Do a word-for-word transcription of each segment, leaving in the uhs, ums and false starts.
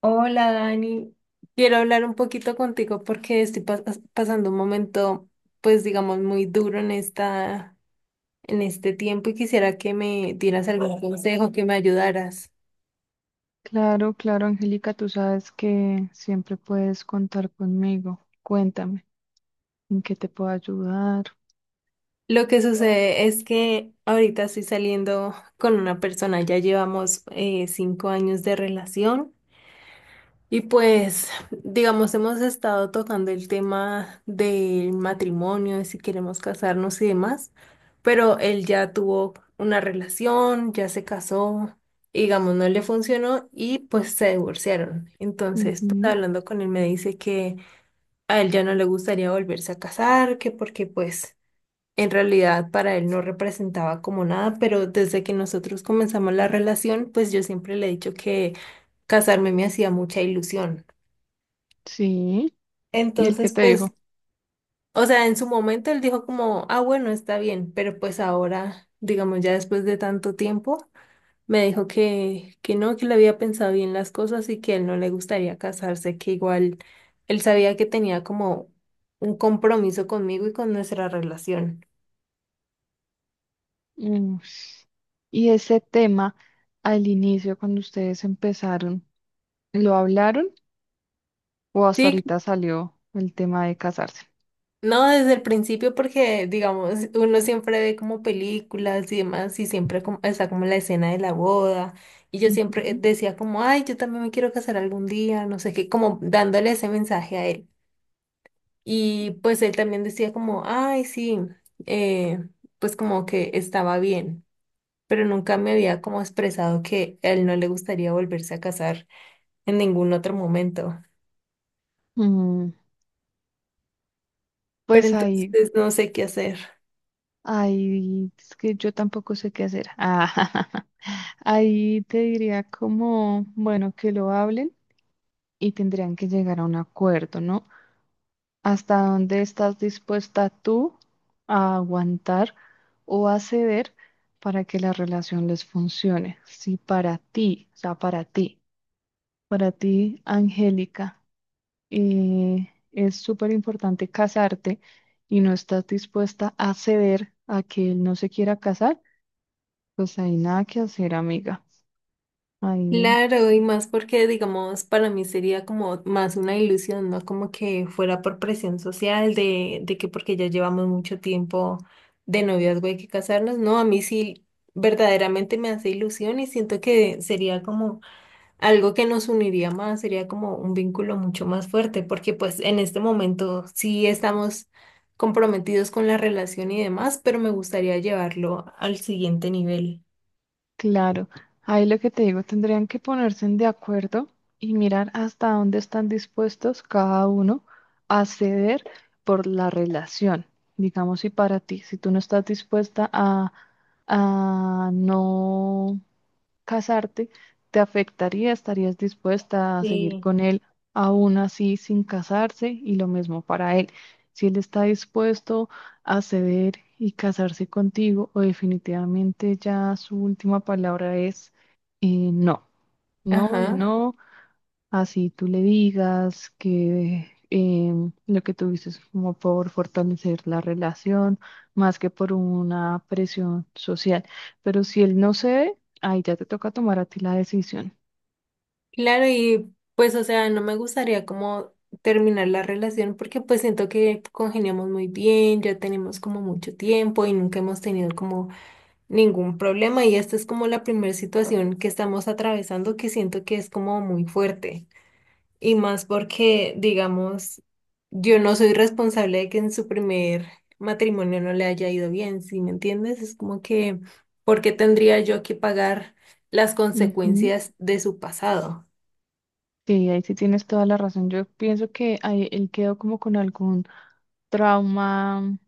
Hola Dani, quiero hablar un poquito contigo porque estoy pas- pasando un momento, pues digamos, muy duro en esta, en este tiempo y quisiera que me dieras algún consejo, que me ayudaras. Claro, claro, Angélica, tú sabes que siempre puedes contar conmigo. Cuéntame, ¿en qué te puedo ayudar? Lo que sucede es que ahorita estoy saliendo con una persona, ya llevamos eh, cinco años de relación. Y pues, digamos, hemos estado tocando el tema del matrimonio, de si queremos casarnos y demás, pero él ya tuvo una relación, ya se casó, y digamos, no le funcionó y pues se divorciaron. Entonces, pues Ujú. hablando con él me dice que a él ya no le gustaría volverse a casar, que porque pues en realidad para él no representaba como nada, pero desde que nosotros comenzamos la relación, pues yo siempre le he dicho que casarme me hacía mucha ilusión. Sí, ¿y el que Entonces, te pues, dijo? o sea, en su momento él dijo como, ah, bueno, está bien, pero pues ahora, digamos, ya después de tanto tiempo, me dijo que, que no, que le había pensado bien las cosas y que a él no le gustaría casarse, que igual él sabía que tenía como un compromiso conmigo y con nuestra relación. Mm. Y ese tema, al inicio, cuando ustedes empezaron, ¿lo hablaron o hasta Sí. ahorita salió el tema de casarse? No, desde el principio porque, digamos, uno siempre ve como películas y demás y siempre como, está como la escena de la boda y yo siempre Ujú. decía como, ay, yo también me quiero casar algún día, no sé qué, como dándole ese mensaje a él. Y pues él también decía como, ay, sí, eh, pues como que estaba bien, pero nunca me había como expresado que a él no le gustaría volverse a casar en ningún otro momento. Mm. Pero Pues ahí, entonces no sé qué hacer. ahí, es que yo tampoco sé qué hacer. Ah, ahí te diría como, bueno, que lo hablen y tendrían que llegar a un acuerdo, ¿no? ¿Hasta dónde estás dispuesta tú a aguantar o a ceder para que la relación les funcione? Si para ti, o sea, para ti, para ti, Angélica, eh, es súper importante casarte y no estás dispuesta a ceder a que él no se quiera casar, pues hay nada que hacer, amiga. Ahí. Claro, y más porque, digamos, para mí sería como más una ilusión, ¿no? Como que fuera por presión social de, de que porque ya llevamos mucho tiempo de noviazgo hay que casarnos, ¿no? A mí sí verdaderamente me hace ilusión y siento que sería como algo que nos uniría más, sería como un vínculo mucho más fuerte, porque pues en este momento sí estamos comprometidos con la relación y demás, pero me gustaría llevarlo al siguiente nivel. Claro, ahí lo que te digo, tendrían que ponerse de acuerdo y mirar hasta dónde están dispuestos cada uno a ceder por la relación. Digamos, si para ti, si tú no estás dispuesta a, a no casarte, ¿te afectaría? ¿Estarías dispuesta a seguir Sí. con él aún así sin casarse? Y lo mismo para él. Si él está dispuesto a ceder y casarse contigo, o definitivamente ya su última palabra es eh, no, no y Ajá. no. Así tú le digas que em, lo que tuviste es como por fortalecer la relación, más que por una presión social. Pero si él no cede, ahí ya te toca tomar a ti la decisión. Claro, y pues, o sea, no me gustaría como terminar la relación porque pues siento que congeniamos muy bien, ya tenemos como mucho tiempo y nunca hemos tenido como ningún problema y esta es como la primera situación que estamos atravesando que siento que es como muy fuerte y más porque, digamos, yo no soy responsable de que en su primer matrimonio no le haya ido bien, ¿sí me entiendes? Es como que, ¿por qué tendría yo que pagar las Ujú. consecuencias de su pasado? Sí, ahí sí tienes toda la razón. Yo pienso que ahí él quedó como con algún trauma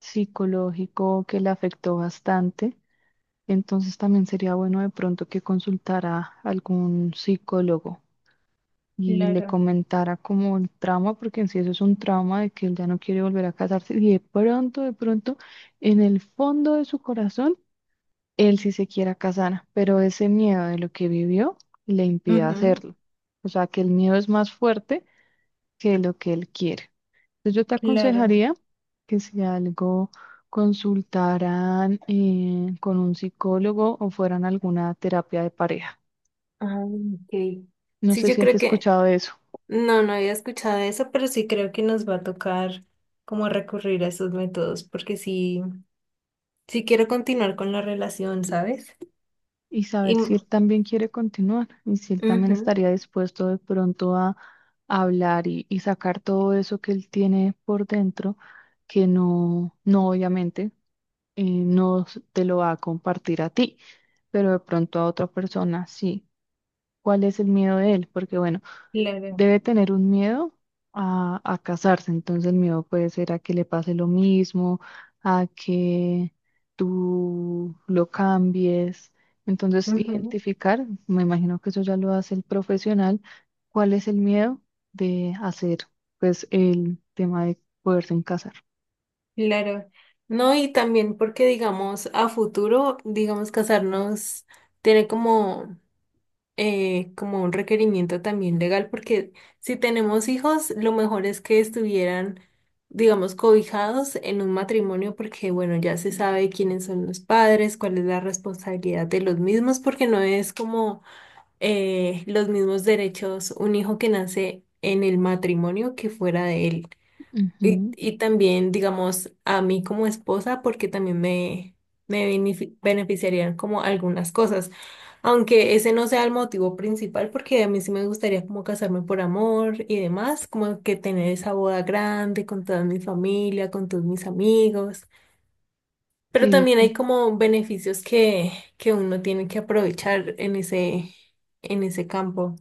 psicológico que le afectó bastante. Entonces también sería bueno de pronto que consultara a algún psicólogo, y le Claro. comentara como el trauma, porque en sí eso es un trauma de que él ya no quiere volver a casarse y de pronto, de pronto, en el fondo de su corazón, él sí se quiera casar, pero ese miedo de lo que vivió le impide Ujú, hacerlo. O sea, que el miedo es más fuerte que lo que él quiere. Entonces yo te claro. aconsejaría que si algo consultaran eh, con un psicólogo o fueran a alguna terapia de pareja. Ah, ok. No Sí, sé yo si has creo que escuchado de eso. no, no había escuchado eso, pero sí creo que nos va a tocar como recurrir a esos métodos, porque sí, sí quiero continuar con la relación, ¿sabes? Y Y, saber si él ujú, también quiere continuar y si él también estaría dispuesto de pronto a hablar y, y sacar todo eso que él tiene por dentro, que no, no obviamente eh, no s- te lo va a compartir a ti, pero de pronto a otra persona sí. ¿Cuál es el miedo de él? Porque bueno, claro, debe tener un miedo a, a casarse, entonces el miedo puede ser a que le pase lo mismo, a que tú lo cambies. Entonces, ujú, identificar, me imagino que eso ya lo hace el profesional, cuál es el miedo de hacer, pues, el tema de poderse en casar. claro. No, y también porque, digamos, a futuro, digamos, casarnos tiene como eh, como un requerimiento también legal, porque si tenemos hijos, lo mejor es que estuvieran, digamos, cobijados en un matrimonio, porque bueno, ya se sabe quiénes son los padres, cuál es la responsabilidad de los mismos, porque no es como eh, los mismos derechos un hijo que nace en el matrimonio que fuera de él. Y, Ujú. y también, digamos, a mí como esposa, porque también me, me benefi- beneficiarían como algunas cosas. Aunque ese no sea el motivo principal, porque a mí sí me gustaría como casarme por amor y demás, como que tener esa boda grande con toda mi familia, con todos mis amigos. Pero Sí, también no, hay como beneficios que, que uno tiene que aprovechar en ese, en ese campo.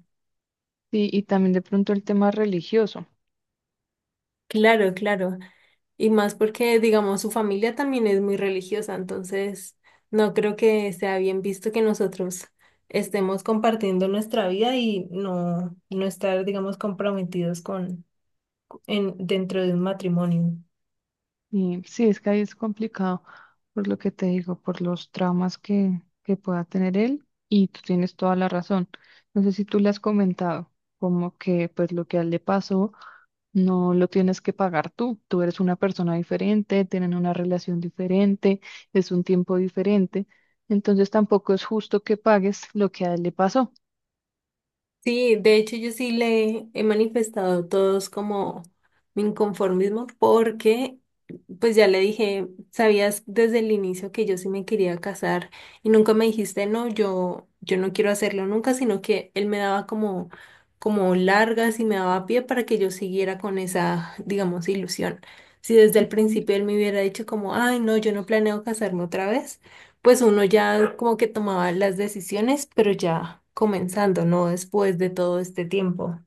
sí, y también de pronto el tema religioso. Claro, claro. Y más porque, digamos, su familia también es muy religiosa, entonces no creo que sea bien visto que nosotros estemos compartiendo nuestra vida y no, no estar, digamos, comprometidos con en, dentro de un matrimonio. Y sí, es que ahí es complicado, por lo que te digo, por los traumas que, que pueda tener él, y tú tienes toda la razón. No sé si tú le has comentado, como que pues lo que a él le pasó no lo tienes que pagar tú. Tú eres una persona diferente, tienen una relación diferente, es un tiempo diferente, entonces tampoco es justo que pagues lo que a él le pasó. Sí, de hecho yo sí le he manifestado todos como mi inconformismo porque pues ya le dije, sabías desde el inicio que yo sí me quería casar y nunca me dijiste no, yo yo no quiero hacerlo nunca, sino que él me daba como como largas y me daba pie para que yo siguiera con esa, digamos, ilusión. Si desde el Ujú. principio él me hubiera dicho como, "Ay, no, yo no planeo casarme otra vez." pues uno ya como que tomaba las decisiones, pero ya comenzando, ¿no? Después de todo este tiempo.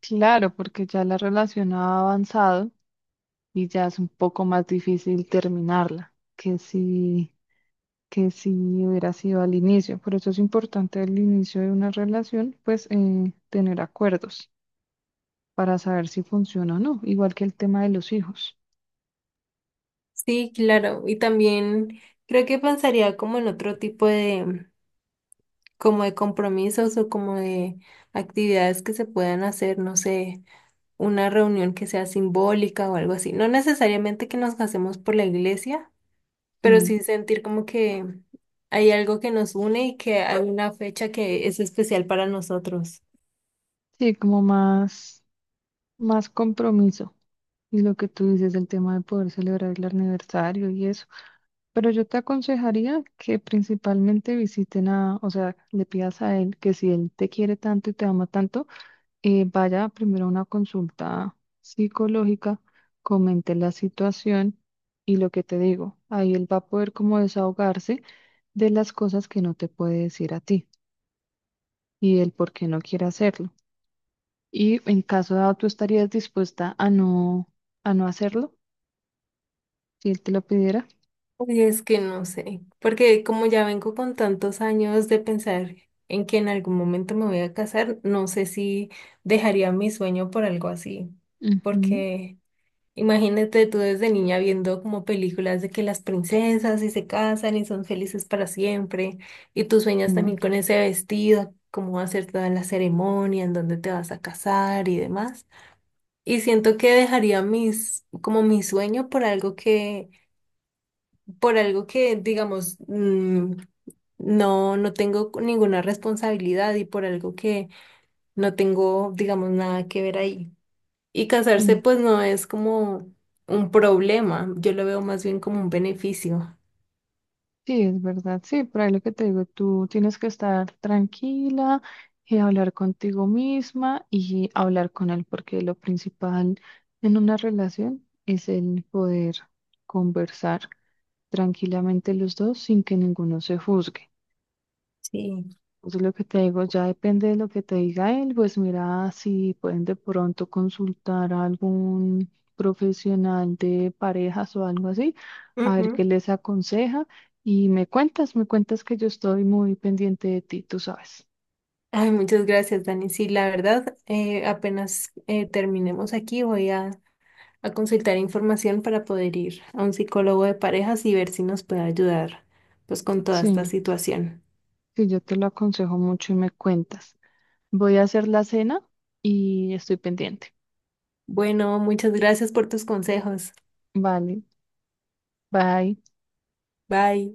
Claro, porque ya la relación ha avanzado y ya es un poco más difícil terminarla que si que si hubiera sido al inicio. Por eso es importante al inicio de una relación, pues eh, tener acuerdos para saber si funciona o no, igual que el tema de los hijos. Sí, claro. Y también creo que pensaría como en otro tipo de, como de compromisos o como de actividades que se puedan hacer, no sé, una reunión que sea simbólica o algo así. No necesariamente que nos casemos por la iglesia, pero Sí, sí sentir como que hay algo que nos une y que hay una fecha que es especial para nosotros. sí, como más, más compromiso. Y lo que tú dices, el tema de poder celebrar el aniversario y eso. Pero yo te aconsejaría que principalmente visiten a, o sea, le pidas a él que si él te quiere tanto y te ama tanto, eh, vaya primero a una consulta psicológica, comente la situación y lo que te digo, ahí él va a poder como desahogarse de las cosas que no te puede decir a ti y el por qué no quiere hacerlo. Y en caso dado, ¿tú estarías dispuesta a no, a no hacerlo si él te lo pidiera? Uy, es que no sé, porque como ya vengo con tantos años de pensar en que en algún momento me voy a casar, no sé si dejaría mi sueño por algo así, Ujú. porque imagínate tú desde niña viendo como películas de que las princesas y se casan y son felices para siempre, y tú sueñas Genial. también con ese vestido, cómo va a ser toda la ceremonia, en dónde te vas a casar y demás. Y siento que dejaría mis, como mi sueño por algo que por algo que, digamos, mm, no, no tengo ninguna responsabilidad y por algo que no tengo, digamos, nada que ver ahí. Y casarse, pues no es como un problema, yo lo veo más bien como un beneficio. Sí, es verdad, sí, por ahí lo que te digo, tú tienes que estar tranquila y hablar contigo misma y hablar con él, porque lo principal en una relación es el poder conversar tranquilamente los dos sin que ninguno se juzgue. Sí. Entonces lo que te digo, ya depende de lo que te diga él, pues mira si pueden de pronto consultar a algún profesional de parejas o algo así, a ver qué Ujú. les aconseja y me cuentas, me cuentas que yo estoy muy pendiente de ti, tú sabes. Ay, muchas gracias, Dani. Sí, la verdad, eh, apenas eh, terminemos aquí, voy a, a consultar información para poder ir a un psicólogo de parejas y ver si nos puede ayudar, pues, con toda esta Sí, situación. sí, yo te lo aconsejo mucho y me cuentas. Voy a hacer la cena y estoy pendiente. Bueno, muchas gracias por tus consejos. Vale, bye. Bye.